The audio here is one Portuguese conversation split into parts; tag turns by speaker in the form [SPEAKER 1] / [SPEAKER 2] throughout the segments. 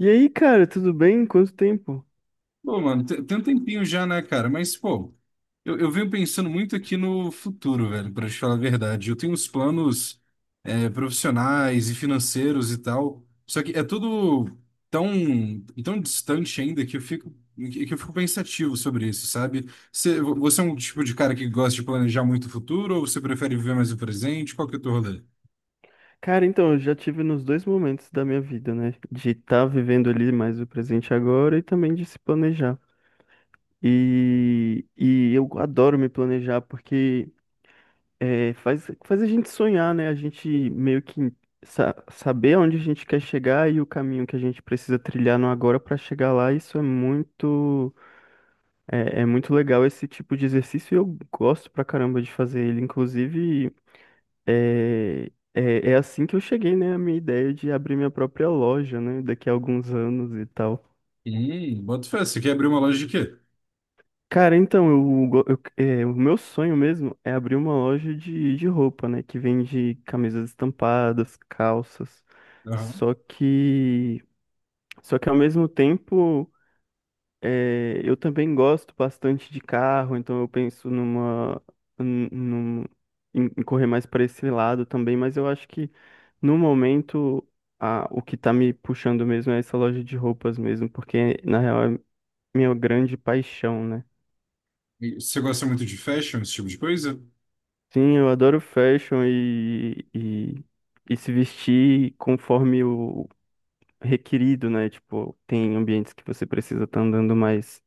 [SPEAKER 1] E aí, cara, tudo bem? Quanto tempo?
[SPEAKER 2] Pô, mano, tem um tempinho já, né, cara? Mas, pô, eu venho pensando muito aqui no futuro, velho, pra te falar a verdade. Eu tenho uns planos, profissionais e financeiros e tal, só que é tudo tão, tão distante ainda que que eu fico pensativo sobre isso, sabe? Você é um tipo de cara que gosta de planejar muito o futuro ou você prefere viver mais o presente? Qual que é o teu rolê?
[SPEAKER 1] Cara, então, eu já tive nos dois momentos da minha vida, né? De estar vivendo ali mais o presente agora e também de se planejar. E eu adoro me planejar porque faz a gente sonhar, né? A gente meio que saber onde a gente quer chegar e o caminho que a gente precisa trilhar no agora para chegar lá. Isso é muito, é muito legal esse tipo de exercício e eu gosto pra caramba de fazer ele. Inclusive. É assim que eu cheguei, né, à minha ideia de abrir minha própria loja, né, daqui a alguns anos e tal.
[SPEAKER 2] Bota fé, você quer abrir uma loja de quê?
[SPEAKER 1] Cara, então, eu, go- eu- é, o meu sonho mesmo é abrir uma loja de roupa, né, que vende camisas estampadas, calças.
[SPEAKER 2] Aham.
[SPEAKER 1] Só que, só que ao mesmo tempo. Eu também gosto bastante de carro, então eu penso numa, num- num- em correr mais para esse lado também, mas eu acho que no momento o que tá me puxando mesmo é essa loja de roupas mesmo, porque na real é minha grande paixão, né?
[SPEAKER 2] E você gosta muito de fashion, esse tipo de coisa?
[SPEAKER 1] Sim, eu adoro fashion e se vestir conforme o requerido, né? Tipo, tem ambientes que você precisa estar andando mais.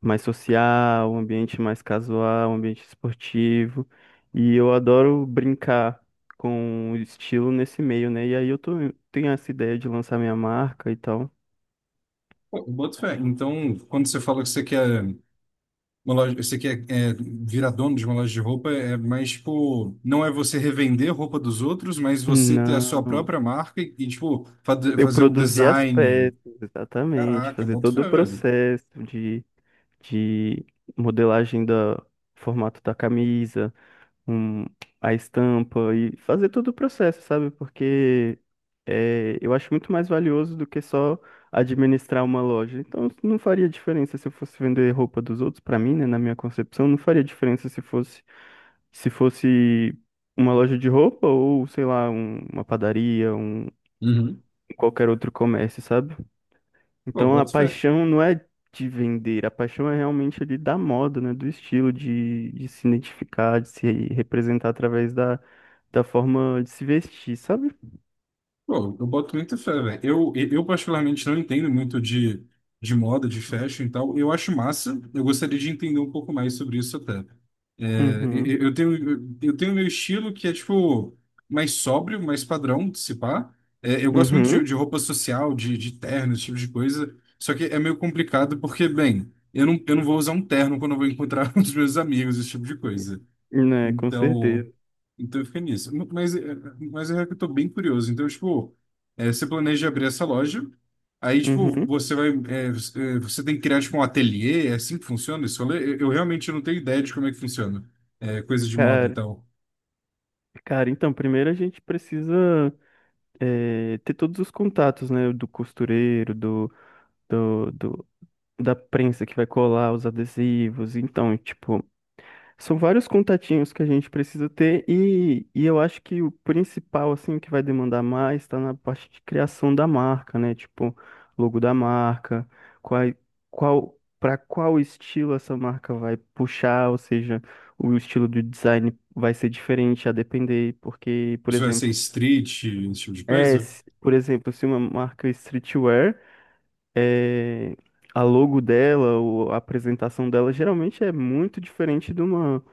[SPEAKER 1] mais social, um ambiente mais casual, um ambiente esportivo. E eu adoro brincar com o estilo nesse meio, né? E aí tenho essa ideia de lançar minha marca e tal.
[SPEAKER 2] Pô, eu boto fé. Então, quando você fala que você quer uma loja, você quer virar dono de uma loja de roupa, é mais tipo, não é você revender roupa dos outros, mas você ter a sua
[SPEAKER 1] Não,
[SPEAKER 2] própria marca e, tipo,
[SPEAKER 1] eu
[SPEAKER 2] fazer o
[SPEAKER 1] produzi as
[SPEAKER 2] design.
[SPEAKER 1] peças, exatamente,
[SPEAKER 2] Caraca,
[SPEAKER 1] fazer
[SPEAKER 2] boto
[SPEAKER 1] todo
[SPEAKER 2] fé,
[SPEAKER 1] o
[SPEAKER 2] velho.
[SPEAKER 1] processo de, modelagem do formato da camisa, um, a estampa e fazer todo o processo, sabe? Porque eu acho muito mais valioso do que só administrar uma loja. Então, não faria diferença se eu fosse vender roupa dos outros para mim, né? Na minha concepção, não faria diferença se fosse uma loja de roupa ou, sei lá, uma padaria,
[SPEAKER 2] Uhum.
[SPEAKER 1] qualquer outro comércio, sabe?
[SPEAKER 2] Pô,
[SPEAKER 1] Então, a
[SPEAKER 2] boto fé.
[SPEAKER 1] paixão não é de vender, a paixão é realmente ali da moda, né? Do estilo, de se identificar, de se representar através da forma de se vestir, sabe?
[SPEAKER 2] Pô, eu boto muita fé, velho. Eu particularmente não entendo muito de moda, de fashion e tal. Eu acho massa. Eu gostaria de entender um pouco mais sobre isso até. É,
[SPEAKER 1] Uhum.
[SPEAKER 2] eu tenho meu estilo que é, tipo, mais sóbrio, mais padrão, se pá. É, eu gosto muito
[SPEAKER 1] Uhum.
[SPEAKER 2] de roupa social, de terno, esse tipo de coisa. Só que é meio complicado porque, bem, eu não vou usar um terno quando eu vou encontrar os meus amigos, esse tipo de coisa.
[SPEAKER 1] Né, com certeza.
[SPEAKER 2] Então, então fica nisso. Mas é que eu tô bem curioso. Então, tipo, você planeja abrir essa loja, aí, tipo,
[SPEAKER 1] Uhum.
[SPEAKER 2] você vai, é, você tem que criar, tipo, um ateliê, é assim que funciona isso? Eu realmente não tenho ideia de como é que funciona. É, coisa de moda e
[SPEAKER 1] Cara,
[SPEAKER 2] tal.
[SPEAKER 1] cara, então, primeiro a gente precisa ter todos os contatos, né? Do costureiro, do, do- da prensa que vai colar os adesivos. Então, tipo, são vários contatinhos que a gente precisa ter e eu acho que o principal, assim, que vai demandar mais está na parte de criação da marca, né? Tipo, logo da marca, qual, para qual estilo essa marca vai puxar, ou seja, o estilo do design vai ser diferente a depender, porque, por
[SPEAKER 2] Isso vai ser
[SPEAKER 1] exemplo,
[SPEAKER 2] street, esse tipo de coisa?
[SPEAKER 1] por exemplo, se uma marca é streetwear é, a logo dela, ou a apresentação dela, geralmente é muito diferente de uma,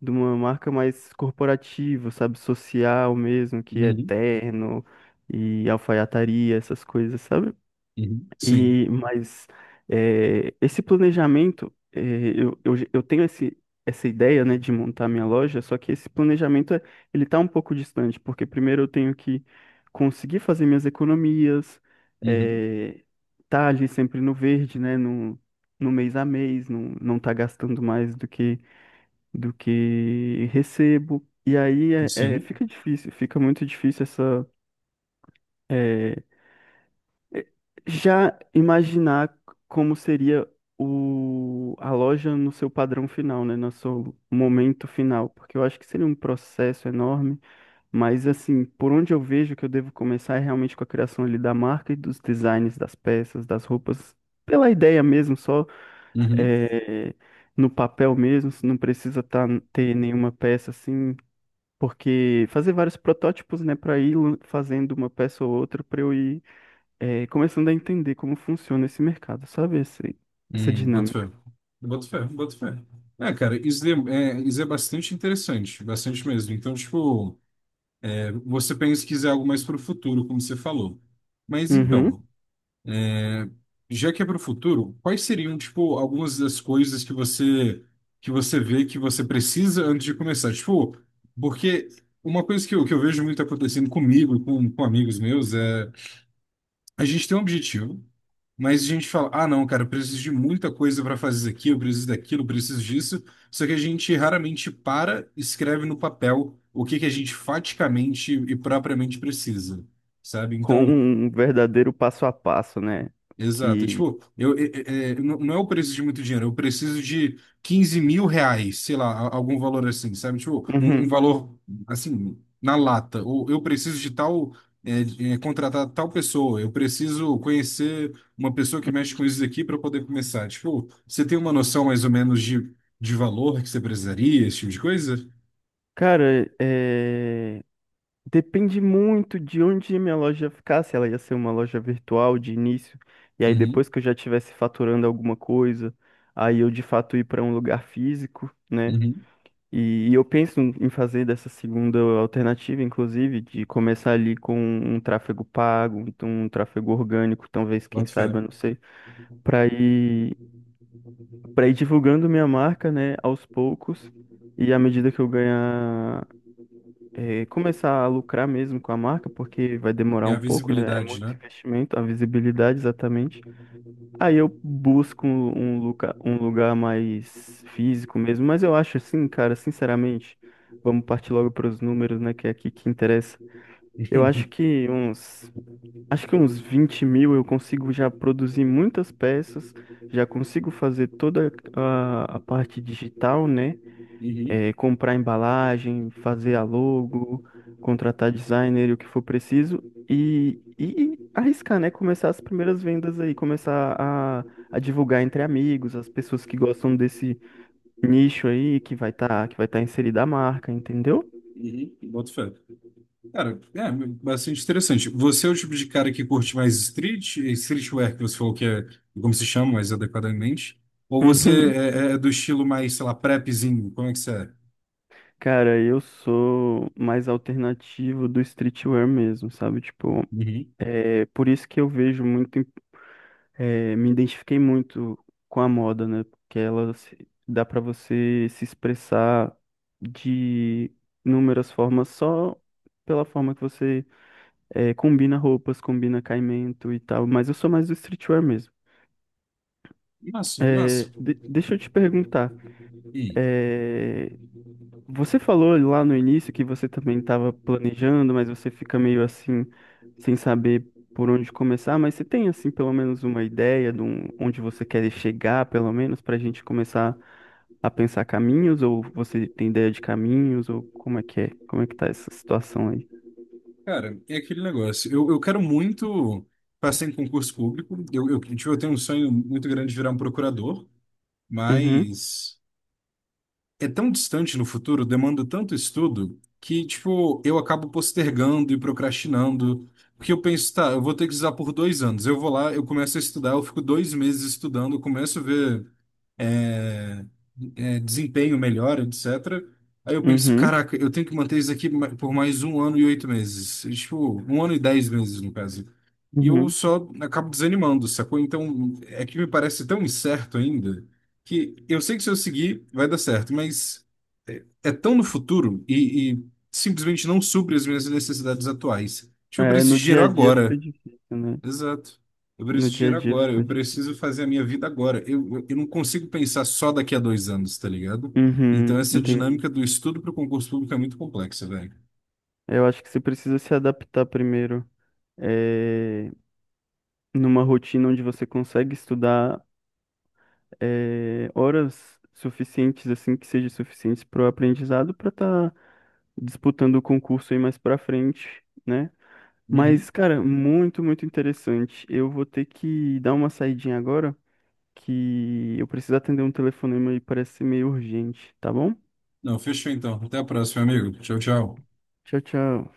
[SPEAKER 1] de uma marca mais corporativa, sabe? Social mesmo, que é
[SPEAKER 2] Uhum,
[SPEAKER 1] terno e alfaiataria, essas coisas, sabe?
[SPEAKER 2] uhum, sim,
[SPEAKER 1] Mas esse planejamento, eu tenho essa ideia, né, de montar minha loja, só que esse planejamento, ele tá um pouco distante, porque primeiro eu tenho que conseguir fazer minhas economias,
[SPEAKER 2] uhum,
[SPEAKER 1] eh, tá ali sempre no verde, né, no mês a mês, não tá gastando mais do que recebo. E aí
[SPEAKER 2] sim, uhum,
[SPEAKER 1] fica difícil, fica muito difícil essa. eh, eh, Já imaginar como seria a loja no seu padrão final, né? No seu momento final. Porque eu acho que seria um processo enorme. Mas, assim, por onde eu vejo que eu devo começar é realmente com a criação ali da marca e dos designs das peças, das roupas, pela ideia mesmo, só
[SPEAKER 2] uhum.
[SPEAKER 1] eh, no papel mesmo, se não precisa ter nenhuma peça assim, porque fazer vários protótipos, né, para ir fazendo uma peça ou outra, para eu ir começando a entender como funciona esse mercado, sabe? Essa
[SPEAKER 2] Boto
[SPEAKER 1] dinâmica.
[SPEAKER 2] fé. Boto fé, boto fé. É, cara, isso é, é- isso é bastante interessante, bastante mesmo. Então, tipo. Você pensa pesquisar algo mais para o futuro, como você falou. Mas
[SPEAKER 1] Uhum.
[SPEAKER 2] então, é, já que é para o futuro, quais seriam, tipo, algumas das coisas que você vê que você precisa antes de começar? Tipo, porque uma coisa que eu vejo muito acontecendo comigo e com amigos meus é a gente tem um objetivo, mas a gente fala, ah, não, cara, eu preciso de muita coisa para fazer isso aqui, eu preciso daquilo, eu preciso disso. Só que a gente raramente para, e escreve no papel o que que a gente faticamente e propriamente precisa, sabe?
[SPEAKER 1] Com
[SPEAKER 2] Então,
[SPEAKER 1] um verdadeiro passo a passo, né?
[SPEAKER 2] exato.
[SPEAKER 1] Que.
[SPEAKER 2] Tipo, eu, é- é- é, não é eu preciso de muito dinheiro, eu preciso de R$ 15.000, sei lá, algum valor assim, sabe? Tipo, um
[SPEAKER 1] Uhum.
[SPEAKER 2] valor assim, na lata. Ou eu preciso de tal, contratar tal pessoa, eu preciso conhecer uma pessoa que mexe com isso daqui para poder começar. Tipo, você tem uma noção mais ou menos de valor que você precisaria, esse tipo de coisa?
[SPEAKER 1] Cara, depende muito de onde a minha loja ficar, se ela ia ser uma loja virtual de início, e aí
[SPEAKER 2] Uhum,
[SPEAKER 1] depois que eu já estivesse faturando alguma coisa, aí eu de fato ir para um lugar físico, né?
[SPEAKER 2] uhum.
[SPEAKER 1] E eu penso em fazer dessa segunda alternativa, inclusive, de começar ali com um tráfego pago, então um tráfego orgânico, talvez, quem
[SPEAKER 2] Boto fé.
[SPEAKER 1] saiba, não sei, para ir, para ir divulgando minha marca, né, aos poucos, e à medida que eu ganhar, começar a lucrar mesmo com a marca, porque vai demorar
[SPEAKER 2] E a
[SPEAKER 1] um pouco, né, é
[SPEAKER 2] visibilidade,
[SPEAKER 1] muito
[SPEAKER 2] né?
[SPEAKER 1] investimento, a visibilidade exatamente. Aí eu busco um lugar mais físico mesmo, mas eu acho assim, cara, sinceramente, vamos partir logo para os números, né, que é aqui que interessa. Eu acho que uns 20.000 eu consigo já produzir muitas peças, já consigo fazer toda a parte digital, né?
[SPEAKER 2] Uhum.
[SPEAKER 1] Comprar embalagem, fazer a logo, contratar designer e o que for preciso e arriscar, né? Começar as primeiras vendas aí, começar a divulgar entre amigos, as pessoas que gostam desse nicho aí, que vai tá inserida a marca, entendeu?
[SPEAKER 2] Uhum, boto fé. Cara, é bastante interessante. Você é o tipo de cara que curte mais street, streetwear, que você falou que é como se chama mais adequadamente? Ou
[SPEAKER 1] Uhum.
[SPEAKER 2] é do estilo mais, sei lá, prepzinho? Como é que você é?
[SPEAKER 1] Cara, eu sou mais alternativo do streetwear mesmo, sabe? Tipo,
[SPEAKER 2] Uhum.
[SPEAKER 1] é por isso que eu vejo muito me identifiquei muito com a moda, né? Porque ela dá para você se expressar de inúmeras formas só pela forma que você combina roupas, combina caimento e tal. Mas eu sou mais do streetwear mesmo.
[SPEAKER 2] Massa, massa.
[SPEAKER 1] Deixa eu te perguntar,
[SPEAKER 2] E
[SPEAKER 1] é, você falou lá no início que você também estava planejando, mas você fica meio assim, sem saber por onde começar. Mas você tem, assim, pelo menos uma ideia de onde você quer chegar, pelo menos, para a gente começar a pensar caminhos? Ou você tem ideia de caminhos? Ou como é que é? Como é que tá essa situação aí?
[SPEAKER 2] Cara, é aquele negócio. Eu quero muito passar em concurso público. Eu tenho um sonho muito grande de virar um procurador,
[SPEAKER 1] Uhum,
[SPEAKER 2] mas é tão distante no futuro, demanda tanto estudo, que, tipo, eu acabo postergando e procrastinando. Porque eu penso, tá, eu vou ter que usar por 2 anos. Eu vou lá, eu começo a estudar, eu fico 2 meses estudando, eu começo a ver é, desempenho melhor, etc. Aí eu pensei,
[SPEAKER 1] uhum,
[SPEAKER 2] caraca, eu tenho que manter isso aqui por mais 1 ano e 8 meses. Tipo, 1 ano e 10 meses, no caso. E eu
[SPEAKER 1] uhum.
[SPEAKER 2] só acabo desanimando, sacou? Então, é que me parece tão incerto ainda, que eu sei que se eu seguir, vai dar certo, mas é tão no futuro e simplesmente não supre as minhas necessidades atuais. Tipo, eu
[SPEAKER 1] É,
[SPEAKER 2] preciso de
[SPEAKER 1] no dia
[SPEAKER 2] dinheiro
[SPEAKER 1] a dia fica
[SPEAKER 2] agora.
[SPEAKER 1] difícil, né?
[SPEAKER 2] Exato. Eu preciso
[SPEAKER 1] No
[SPEAKER 2] de
[SPEAKER 1] dia a
[SPEAKER 2] dinheiro
[SPEAKER 1] dia
[SPEAKER 2] agora,
[SPEAKER 1] fica
[SPEAKER 2] eu
[SPEAKER 1] difícil.
[SPEAKER 2] preciso fazer a minha vida agora. Eu não consigo pensar só daqui a 2 anos, tá ligado? Então
[SPEAKER 1] Uhum,
[SPEAKER 2] essa
[SPEAKER 1] entendi.
[SPEAKER 2] dinâmica do estudo para o concurso público é muito complexa, velho.
[SPEAKER 1] Eu acho que você precisa se adaptar primeiro, numa rotina onde você consegue estudar horas suficientes, assim, que sejam suficientes para o aprendizado, para estar disputando o concurso aí mais para frente, né?
[SPEAKER 2] Uhum.
[SPEAKER 1] Mas, cara, muito, muito interessante. Eu vou ter que dar uma saidinha agora, que eu preciso atender um telefonema e parece ser meio urgente, tá bom?
[SPEAKER 2] Não, fechou então. Até a próxima, amigo. Tchau, tchau.
[SPEAKER 1] Tchau, tchau.